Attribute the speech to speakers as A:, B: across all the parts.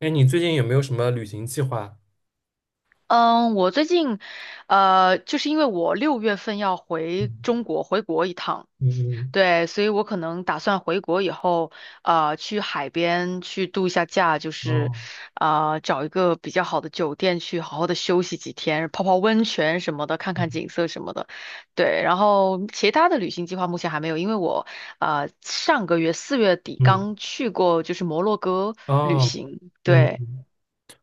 A: 哎，你最近有没有什么旅行计划？
B: 嗯，我最近，就是因为我六月份要回
A: 嗯
B: 中国，回国一趟。
A: 嗯，
B: 对，所以我可能打算回国以后，去海边去度一下假，就是，
A: 哦，
B: 找一个比较好的酒店去好好的休息几天，泡泡温泉什么的，看看
A: 嗯
B: 景色什么的。对。然后其他的旅行计划目前还没有，因为我，上个月四月底
A: 嗯，
B: 刚去过就是摩洛哥旅
A: 哦，
B: 行。
A: 嗯，
B: 对。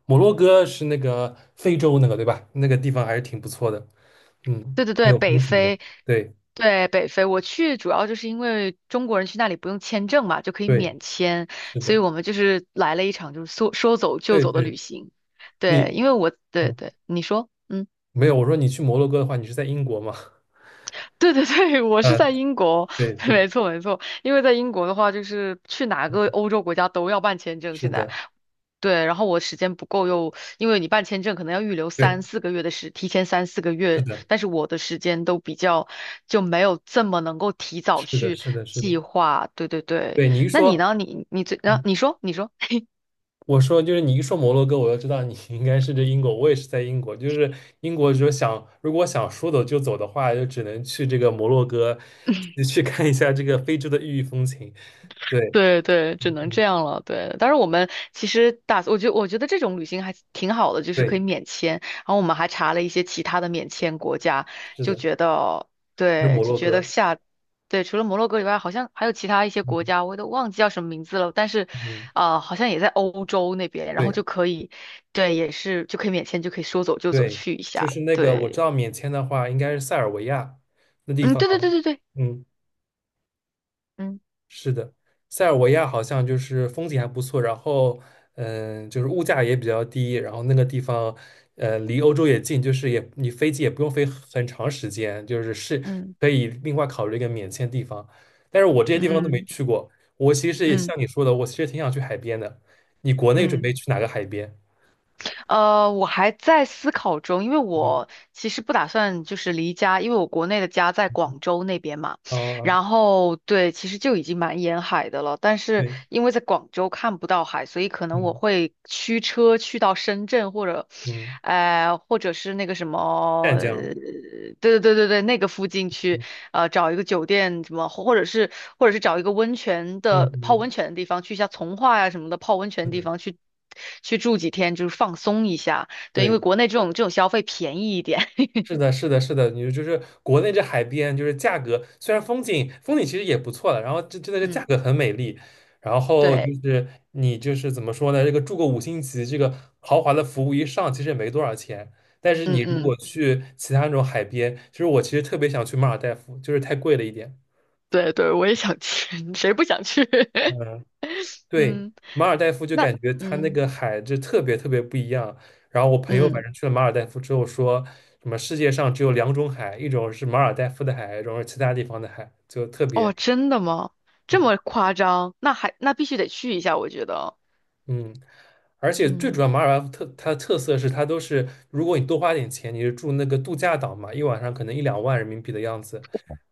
A: 摩洛哥是那个非洲那个对吧？那个地方还是挺不错的，嗯，
B: 对对
A: 挺
B: 对，
A: 有
B: 北
A: 风情的。
B: 非。
A: 对
B: 对，北非，我去主要就是因为中国人去那里不用签证嘛，就可以
A: 对，
B: 免签，
A: 是
B: 所以
A: 的，
B: 我们就是来了一场就是说说走就
A: 对
B: 走的
A: 对，
B: 旅行。对，
A: 你
B: 因为我，对
A: 嗯
B: 对，你说。嗯。
A: 没有，我说你去摩洛哥的话，你是在英国吗？
B: 对对对，我
A: 啊，
B: 是在英国。
A: 对 对，
B: 没错没错，因为在英国的话，就是去哪个欧洲国家都要办签证，
A: 是
B: 现在。
A: 的，
B: 对，然后我时间不够又，因为你办签证可能要预留
A: 对，
B: 三四个月的时，提前三四个
A: 是
B: 月，
A: 的，
B: 但是我的时间都比较就没有这么能够提早
A: 是的，
B: 去
A: 是的，是的，
B: 计划。对对对，
A: 对你一
B: 那你
A: 说。
B: 呢？你最，啊，你说你说。
A: 我说，就是你一说摩洛哥，我就知道你 应该是这英国。我也是在英国，就是英国，就想如果想说走就走的话，就只能去这个摩洛哥，去看一下这个非洲的异域风情。对，
B: 对对，
A: 嗯
B: 只能这
A: 嗯，
B: 样了。对，但是我们其实打，我觉得这种旅行还挺好的，就是可
A: 对，
B: 以免签。然后我们还查了一些其他的免签国家，
A: 是
B: 就
A: 的，
B: 觉得，
A: 是
B: 对，
A: 摩
B: 就
A: 洛
B: 觉得
A: 哥。
B: 下，对，除了摩洛哥以外，好像还有其他一些
A: 嗯
B: 国家，我都忘记叫什么名字了。但是，
A: 嗯，
B: 啊、好像也在欧洲那边，然后
A: 对
B: 就可以，对，也是就可以免签，就可以说走就走
A: 对，
B: 去一
A: 就
B: 下。
A: 是那个我知
B: 对。
A: 道免签的话，应该是塞尔维亚那地
B: 嗯，
A: 方。
B: 对对对对对，
A: 嗯。
B: 嗯
A: 是的，塞尔维亚好像就是风景还不错，然后就是物价也比较低，然后那个地方离欧洲也近，就是也你飞机也不用飞很长时间，就是
B: 嗯
A: 可以另外考虑一个免签地方。但是我这些地方都没
B: 嗯
A: 去过，我其实也
B: 嗯
A: 像你说的，我其实挺想去海边的。你国内准
B: 嗯。
A: 备去哪个海边？
B: 我还在思考中，因为
A: 嗯，
B: 我其实不打算就是离家，因为我国内的家在广州那边嘛。
A: 哦，
B: 然后对，其实就已经蛮沿海的了，但是
A: 对，
B: 因为在广州看不到海，所以可能
A: 嗯
B: 我会驱车去到深圳或者
A: 嗯，
B: 或者是那个什么，
A: 湛江，
B: 对对对对对，那个附近去，
A: 嗯
B: 找一个酒店什么，或者是找一个温泉
A: 嗯
B: 的泡
A: 嗯，
B: 温泉的地方，去一下从化呀、什么的泡温泉
A: 是
B: 的地
A: 的，
B: 方去去住几天，就是放松一下。对，因为
A: 对。
B: 国内这种消费便宜一点。
A: 是的，是的，是的，你就是国内这海边，就是价格虽然风景其实也不错的，然后这真的是价
B: 嗯，
A: 格很美丽，然后就
B: 对，
A: 是你就是怎么说呢？这个住个5星级，这个豪华的服务一上，其实也没多少钱。但是
B: 嗯
A: 你如
B: 嗯，
A: 果去其他那种海边，其实我其实特别想去马尔代夫，就是太贵了一点。
B: 对对，我也想去，谁不想去？
A: 嗯。对，
B: 嗯，
A: 马尔代夫就
B: 那
A: 感觉它那
B: 嗯
A: 个海就特别特别不一样。然后我朋友反
B: 嗯，
A: 正去了马尔代夫之后说，什么世界上只有两种海，一种是马尔代夫的海，一种是其他地方的海，就特
B: 哦，
A: 别
B: 真的吗？这
A: 嗯
B: 么夸张？那必须得去一下，我觉得。
A: 嗯。而且最主
B: 嗯。
A: 要，马尔代夫它的特色是它都是，如果你多花点钱，你是住那个度假岛嘛，一晚上可能一两万人民币的样子，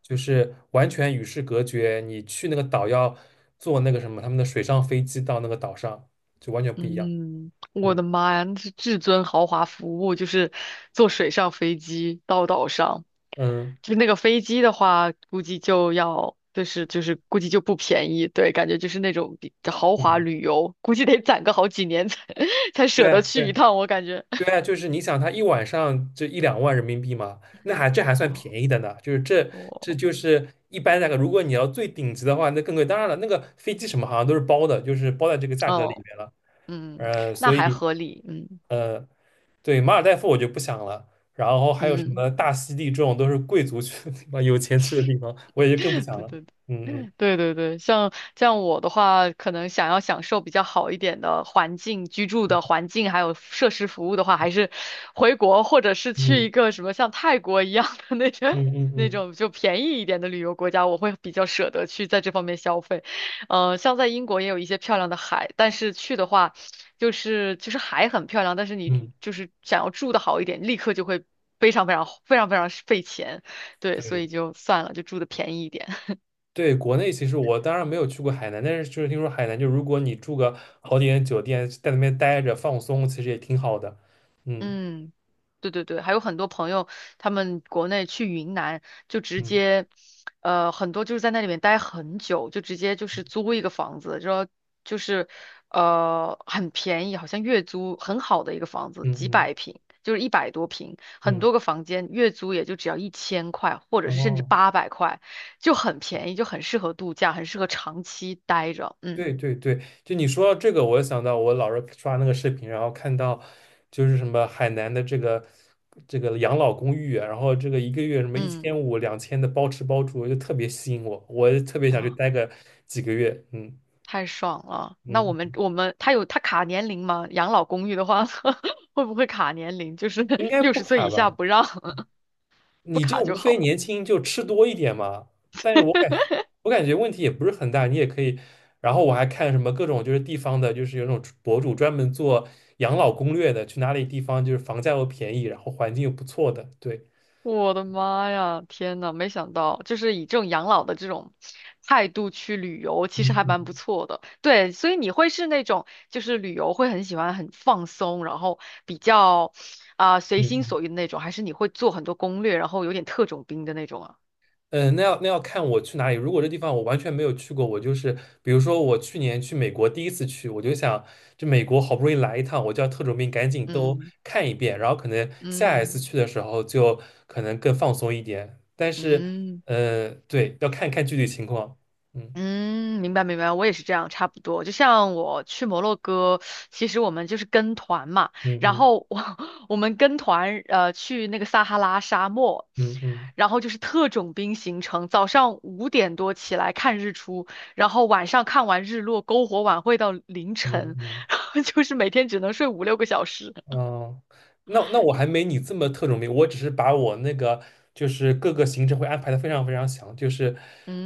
A: 就是完全与世隔绝。你去那个岛要坐那个什么他们的水上飞机到那个岛上，就完全不一样。
B: 嗯，我
A: 嗯
B: 的妈呀，那是至尊豪华服务，就是坐水上飞机到岛上。
A: 嗯。
B: 就是那个飞机的话，估计就要，就是估计就不便宜。对，感觉就是那种比豪华
A: 嗯
B: 旅游，估计得攒个好几年才 才舍
A: 对
B: 得去一
A: 对
B: 趟，我感觉。
A: 对啊，就是你想，他一晚上就一两万人民币嘛，那还这 还算
B: 我
A: 便宜的呢。就是这
B: 我，
A: 就是一般那个，如果你要最顶级的话，那更贵。当然了，那个飞机什么好像都是包的，就是包在这个价格里
B: 嗯
A: 面了。
B: 嗯，那
A: 所
B: 还
A: 以
B: 合理。嗯
A: 呃，对，马尔代夫我就不想了。然后还有什
B: 嗯，
A: 么大溪地这种都是贵族去的地方，有钱去的地方，我也 就更不
B: 对
A: 想
B: 对
A: 了。
B: 对
A: 嗯
B: 对对对，像我的话，可能想要享受比较好一点的环境、居住的环境，还有设施服务的话，还是回国或者是去一
A: 嗯
B: 个什么像泰国一样的那种
A: 嗯嗯嗯
B: 那
A: 嗯
B: 种就便宜一点的旅游国家，我会比较舍得去在这方面消费。像在英国也有一些漂亮的海，但是去的话，就是海很漂亮，但是你
A: 嗯，
B: 就是想要住的好一点，立刻就会非常非常非常非常费钱。对，所
A: 对。
B: 以就算了，就住的便宜一点。
A: 对，国内其实我当然没有去过海南，但是就是听说海南，就如果你住个好点的酒店，在那边待着放松，其实也挺好的。嗯
B: 嗯，对对对，还有很多朋友，他们国内去云南就直
A: 嗯
B: 接，很多就是在那里面待很久，就直接就是租一个房子，说就是，很便宜，好像月租很好的一个房子，几
A: 嗯
B: 百平，就是100多平，很
A: 嗯
B: 多个房间，月租也就只要1000块，或者
A: 嗯，
B: 是甚至
A: 哦，
B: 800块，就很便宜，就很适合度假，很适合长期待着。嗯
A: 对对对，就你说到这个，我又想到我老是刷那个视频，然后看到就是什么海南的这个养老公寓啊，然后这个一个月什么一
B: 嗯，
A: 千五、2000的包吃包住，就特别吸引我，我也特别想去
B: 啊。
A: 待个几个月。嗯
B: 太爽了！那我
A: 嗯，
B: 们
A: 嗯
B: 我们他有他卡年龄吗？养老公寓的话，会不会卡年龄？就是
A: 应 该
B: 六
A: 不
B: 十岁
A: 卡
B: 以
A: 吧？
B: 下不让，不
A: 你这
B: 卡就
A: 无非
B: 好。
A: 年轻就吃多一点嘛，但是我感觉问题也不是很大，你也可以。然后我还看什么各种就是地方的，就是有那种博主专门做养老攻略的，去哪里地方就是房价又便宜，然后环境又不错的，对，
B: 我的妈呀，天呐，没想到，就是以这种养老的这种态度去旅游，其
A: 嗯
B: 实还蛮不
A: 嗯
B: 错的。对，所以你会是那种就是旅游会很喜欢很放松，然后比较啊、随心所
A: 嗯。
B: 欲的那种，还是你会做很多攻略，然后有点特种兵的那种啊？
A: 嗯，那要看我去哪里。如果这地方我完全没有去过，我就是比如说我去年去美国第一次去，我就想，这美国好不容易来一趟，我就要特种兵赶紧都
B: 嗯
A: 看一遍，然后可能下一次
B: 嗯
A: 去的时候就可能更放松一点。但是，
B: 嗯。
A: 对，要看看具体情况。
B: 嗯，明白明白，我也是这样，差不多。就像我去摩洛哥，其实我们就是跟团嘛，然
A: 嗯嗯
B: 后我 我们跟团去那个撒哈拉沙漠，
A: 嗯嗯
B: 然后就是特种兵行程，早上5点多起来看日出，然后晚上看完日落，篝火晚会到凌
A: 嗯嗯嗯。
B: 晨。
A: 嗯嗯
B: 然后就是每天只能睡5、6个小时。
A: 嗯，那我还没你这么特种兵，我只是把我那个就是各个行程会安排的非常非常详，就是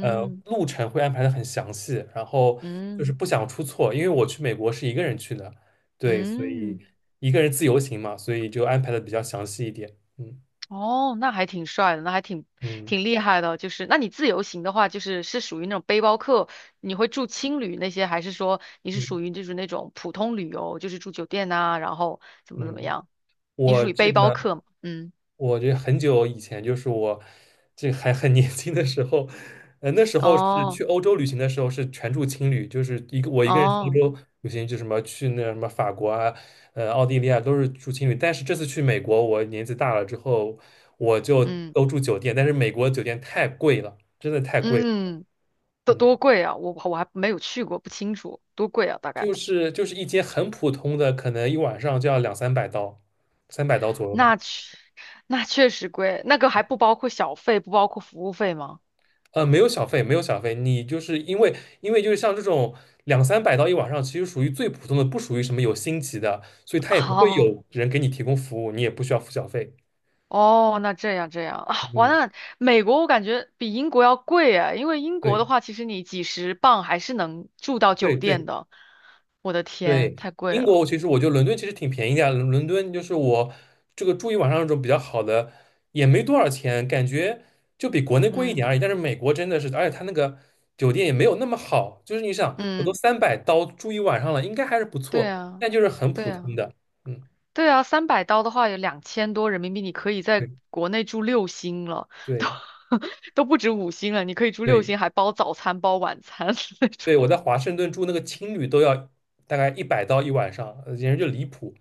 A: 路程会安排的很详细，然后就是
B: 嗯
A: 不想出错，因为我去美国是一个人去的，对，所
B: 嗯。
A: 以
B: 嗯
A: 一个人自由行嘛，所以就安排的比较详细一点。嗯
B: 哦，那还挺帅的，那还挺
A: 嗯
B: 挺厉害的。就是，那你自由行的话，就是是属于那种背包客，你会住青旅那些，还是说你是
A: 嗯
B: 属于就是那种普通旅游，就是住酒店呐、然后怎么怎么
A: 嗯，
B: 样？你
A: 我
B: 属于
A: 这
B: 背包
A: 个。
B: 客吗？嗯，
A: 我这很久以前，就是我这还很 年轻的时候，那时候是
B: 哦
A: 去欧洲旅行的时候是全住青旅，就是一个我一个人去
B: 哦，
A: 欧洲旅行，就什么去那什么法国啊，奥地利啊，都是住青旅。但是这次去美国，我年纪大了之后，我就
B: 嗯
A: 都住酒店，但是美国酒店太贵了，真的太贵了，
B: 嗯，多
A: 嗯，
B: 多贵啊！我还没有去过，不清楚多贵啊，大概。
A: 就是一间很普通的，可能一晚上就要2-300刀，三百刀左右吧。
B: 那确那确实贵，那个还不包括小费，不包括服务费吗？
A: 没有小费，没有小费，你就是因为就是像这种两三百到一晚上，其实属于最普通的，不属于什么有星级的，所以他也不会
B: 哦。
A: 有人给你提供服务，你也不需要付小费。
B: 哦，那这样这样啊，完
A: 嗯，
B: 了，那美国我感觉比英国要贵啊，因为英国的
A: 对
B: 话，其实你几十磅还是能住到
A: 对
B: 酒店
A: 对
B: 的。我的天，
A: 对，
B: 太贵
A: 英
B: 了。
A: 国其实我觉得伦敦其实挺便宜的呀伦敦就是我这个住一晚上那种比较好的，也没多少钱，感觉就比国内贵一点
B: 嗯
A: 而已。但是美国真的是，而且他那个酒店也没有那么好，就是你想，我都
B: 嗯，
A: 三百刀住一晚上了，应该还是不
B: 对
A: 错，
B: 啊
A: 但就是很
B: 对
A: 普通
B: 啊
A: 的。嗯。
B: 对啊，300刀的话有2000多人民币，你可以在
A: 对
B: 国内住六星了，都
A: 对
B: 都不止五星了，你可以住六
A: 对
B: 星，还包早餐包晚餐 那种。
A: 对，我在华盛顿住那个青旅都要大概一百刀一晚上，简直就离谱。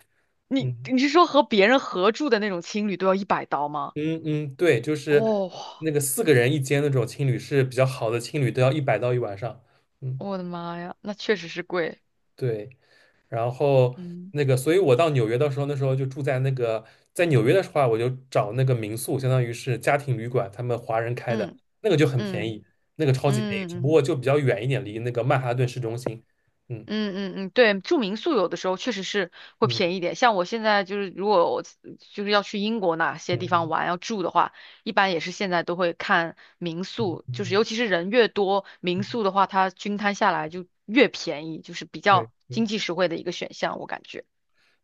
B: 你
A: 嗯
B: 你是说和别人合住的那种青旅都要100刀吗？
A: 嗯嗯，对，就是
B: 哦，
A: 那个四个人一间那种青旅是比较好的青旅，都要一百刀一晚上。嗯，
B: 我的妈呀，那确实是贵。
A: 对。然后
B: 嗯
A: 那个，所以我到纽约的时候，那时候就住在那个，在纽约的话，我就找那个民宿，相当于是家庭旅馆，他们华人开的，
B: 嗯
A: 那个就很便
B: 嗯
A: 宜，那个超级便宜，只
B: 嗯
A: 不
B: 嗯
A: 过就比较远一点，离那个曼哈顿市中心。嗯
B: 嗯嗯嗯，对，住民宿有的时候确实是会
A: 嗯
B: 便宜一点。像我现在就是，如果我就是要去英国哪些地方
A: 嗯。
B: 玩要住的话，一般也是现在都会看民
A: 嗯
B: 宿，
A: 嗯
B: 就是
A: 嗯
B: 尤其是人越多，民
A: 嗯，
B: 宿的话它均摊下来就越便宜，就是比
A: 对
B: 较
A: 对，
B: 经济实惠的一个选项，我感觉。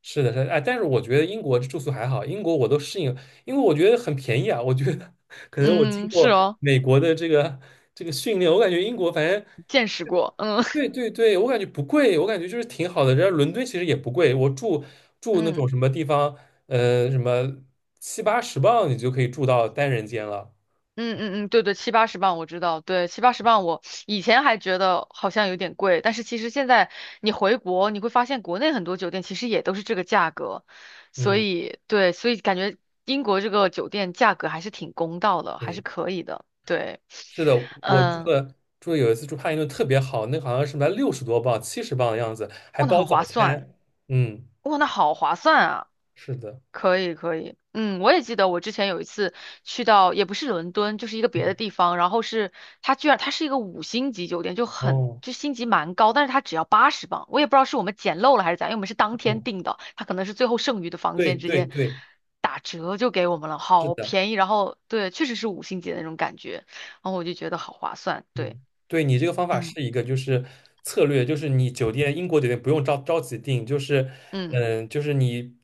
A: 是的，是的，哎，但是我觉得英国住宿还好，英国我都适应，因为我觉得很便宜啊。我觉得可能我经
B: 嗯，是
A: 过
B: 哦，
A: 美国的这个训练，我感觉英国反正
B: 见识过，嗯
A: 对 对对，我感觉不贵，我感觉就是挺好的。人家伦敦其实也不贵，我住那种
B: 嗯。
A: 什么地方，什么7、80镑你就可以住到单人间了。
B: 嗯嗯嗯，对对，七八十磅我知道，对，七八十磅我以前还觉得好像有点贵，但是其实现在你回国，你会发现国内很多酒店其实也都是这个价格，所
A: 嗯，
B: 以对，所以感觉英国这个酒店价格还是挺公道的，还是
A: 对。
B: 可以的，对，
A: 是的，我住
B: 嗯，
A: 的住的有一次住帕丁顿特别好，那个好像是卖60多磅、70磅的样子，还
B: 哇，那
A: 包
B: 很
A: 早
B: 划算，
A: 餐。嗯，
B: 哇，那好划算啊。
A: 是的。
B: 可以可以，嗯，我也记得我之前有一次去到，也不是伦敦，就是一个
A: 嗯，
B: 别的地方，然后是它居然它是一个五星级酒店，就很
A: 哦，
B: 就星级蛮高，但是它只要八十磅。我也不知道是我们捡漏了还是咋样，因为我们是当天订
A: 哦
B: 的，它可能是最后剩余的房
A: 对
B: 间直
A: 对
B: 接
A: 对，
B: 打折就给我们了，
A: 是
B: 好
A: 的。
B: 便宜。然后对，确实是五星级的那种感觉，然后我就觉得好划算。对，
A: 嗯，对你这个方法
B: 嗯，
A: 是一个就是策略，就是你酒店英国酒店不用着急订，就是
B: 嗯。
A: 嗯，就是你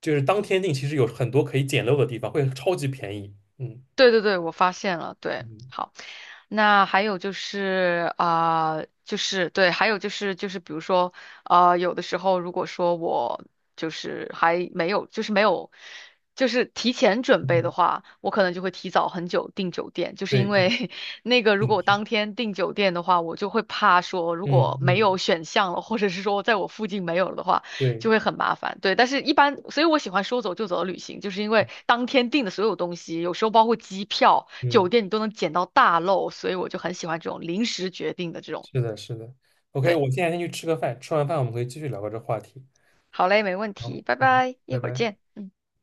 A: 就是当天订，其实有很多可以捡漏的地方，会超级便宜。嗯
B: 对对对，我发现了，对，
A: 嗯
B: 好，那还有就是啊、就是对，还有就是比如说啊、有的时候如果说我就是还没有，就是没有，就是提前准备的
A: 嗯，
B: 话，我可能就会提早很久订酒店，就是
A: 对
B: 因
A: 对，
B: 为 那个如果我当天订酒店的话，我就会怕说如
A: 嗯
B: 果没有
A: 嗯
B: 选项了，或者是说在我附近没有了的话。
A: 对，
B: 就会很麻烦。对，但是一般，所以我喜欢说走就走的旅行，就是因为当天订的所有东西，有时候包括机票、酒
A: 嗯。
B: 店，你都能捡到大漏，所以我就很喜欢这种临时决定的这种。
A: 是的，是的。OK，
B: 对，
A: 我现在先去吃个饭，吃完饭我们可以继续聊个这话题。
B: 好嘞，没问题，
A: 好，
B: 拜
A: 嗯，
B: 拜，一
A: 拜
B: 会儿
A: 拜。
B: 见。嗯。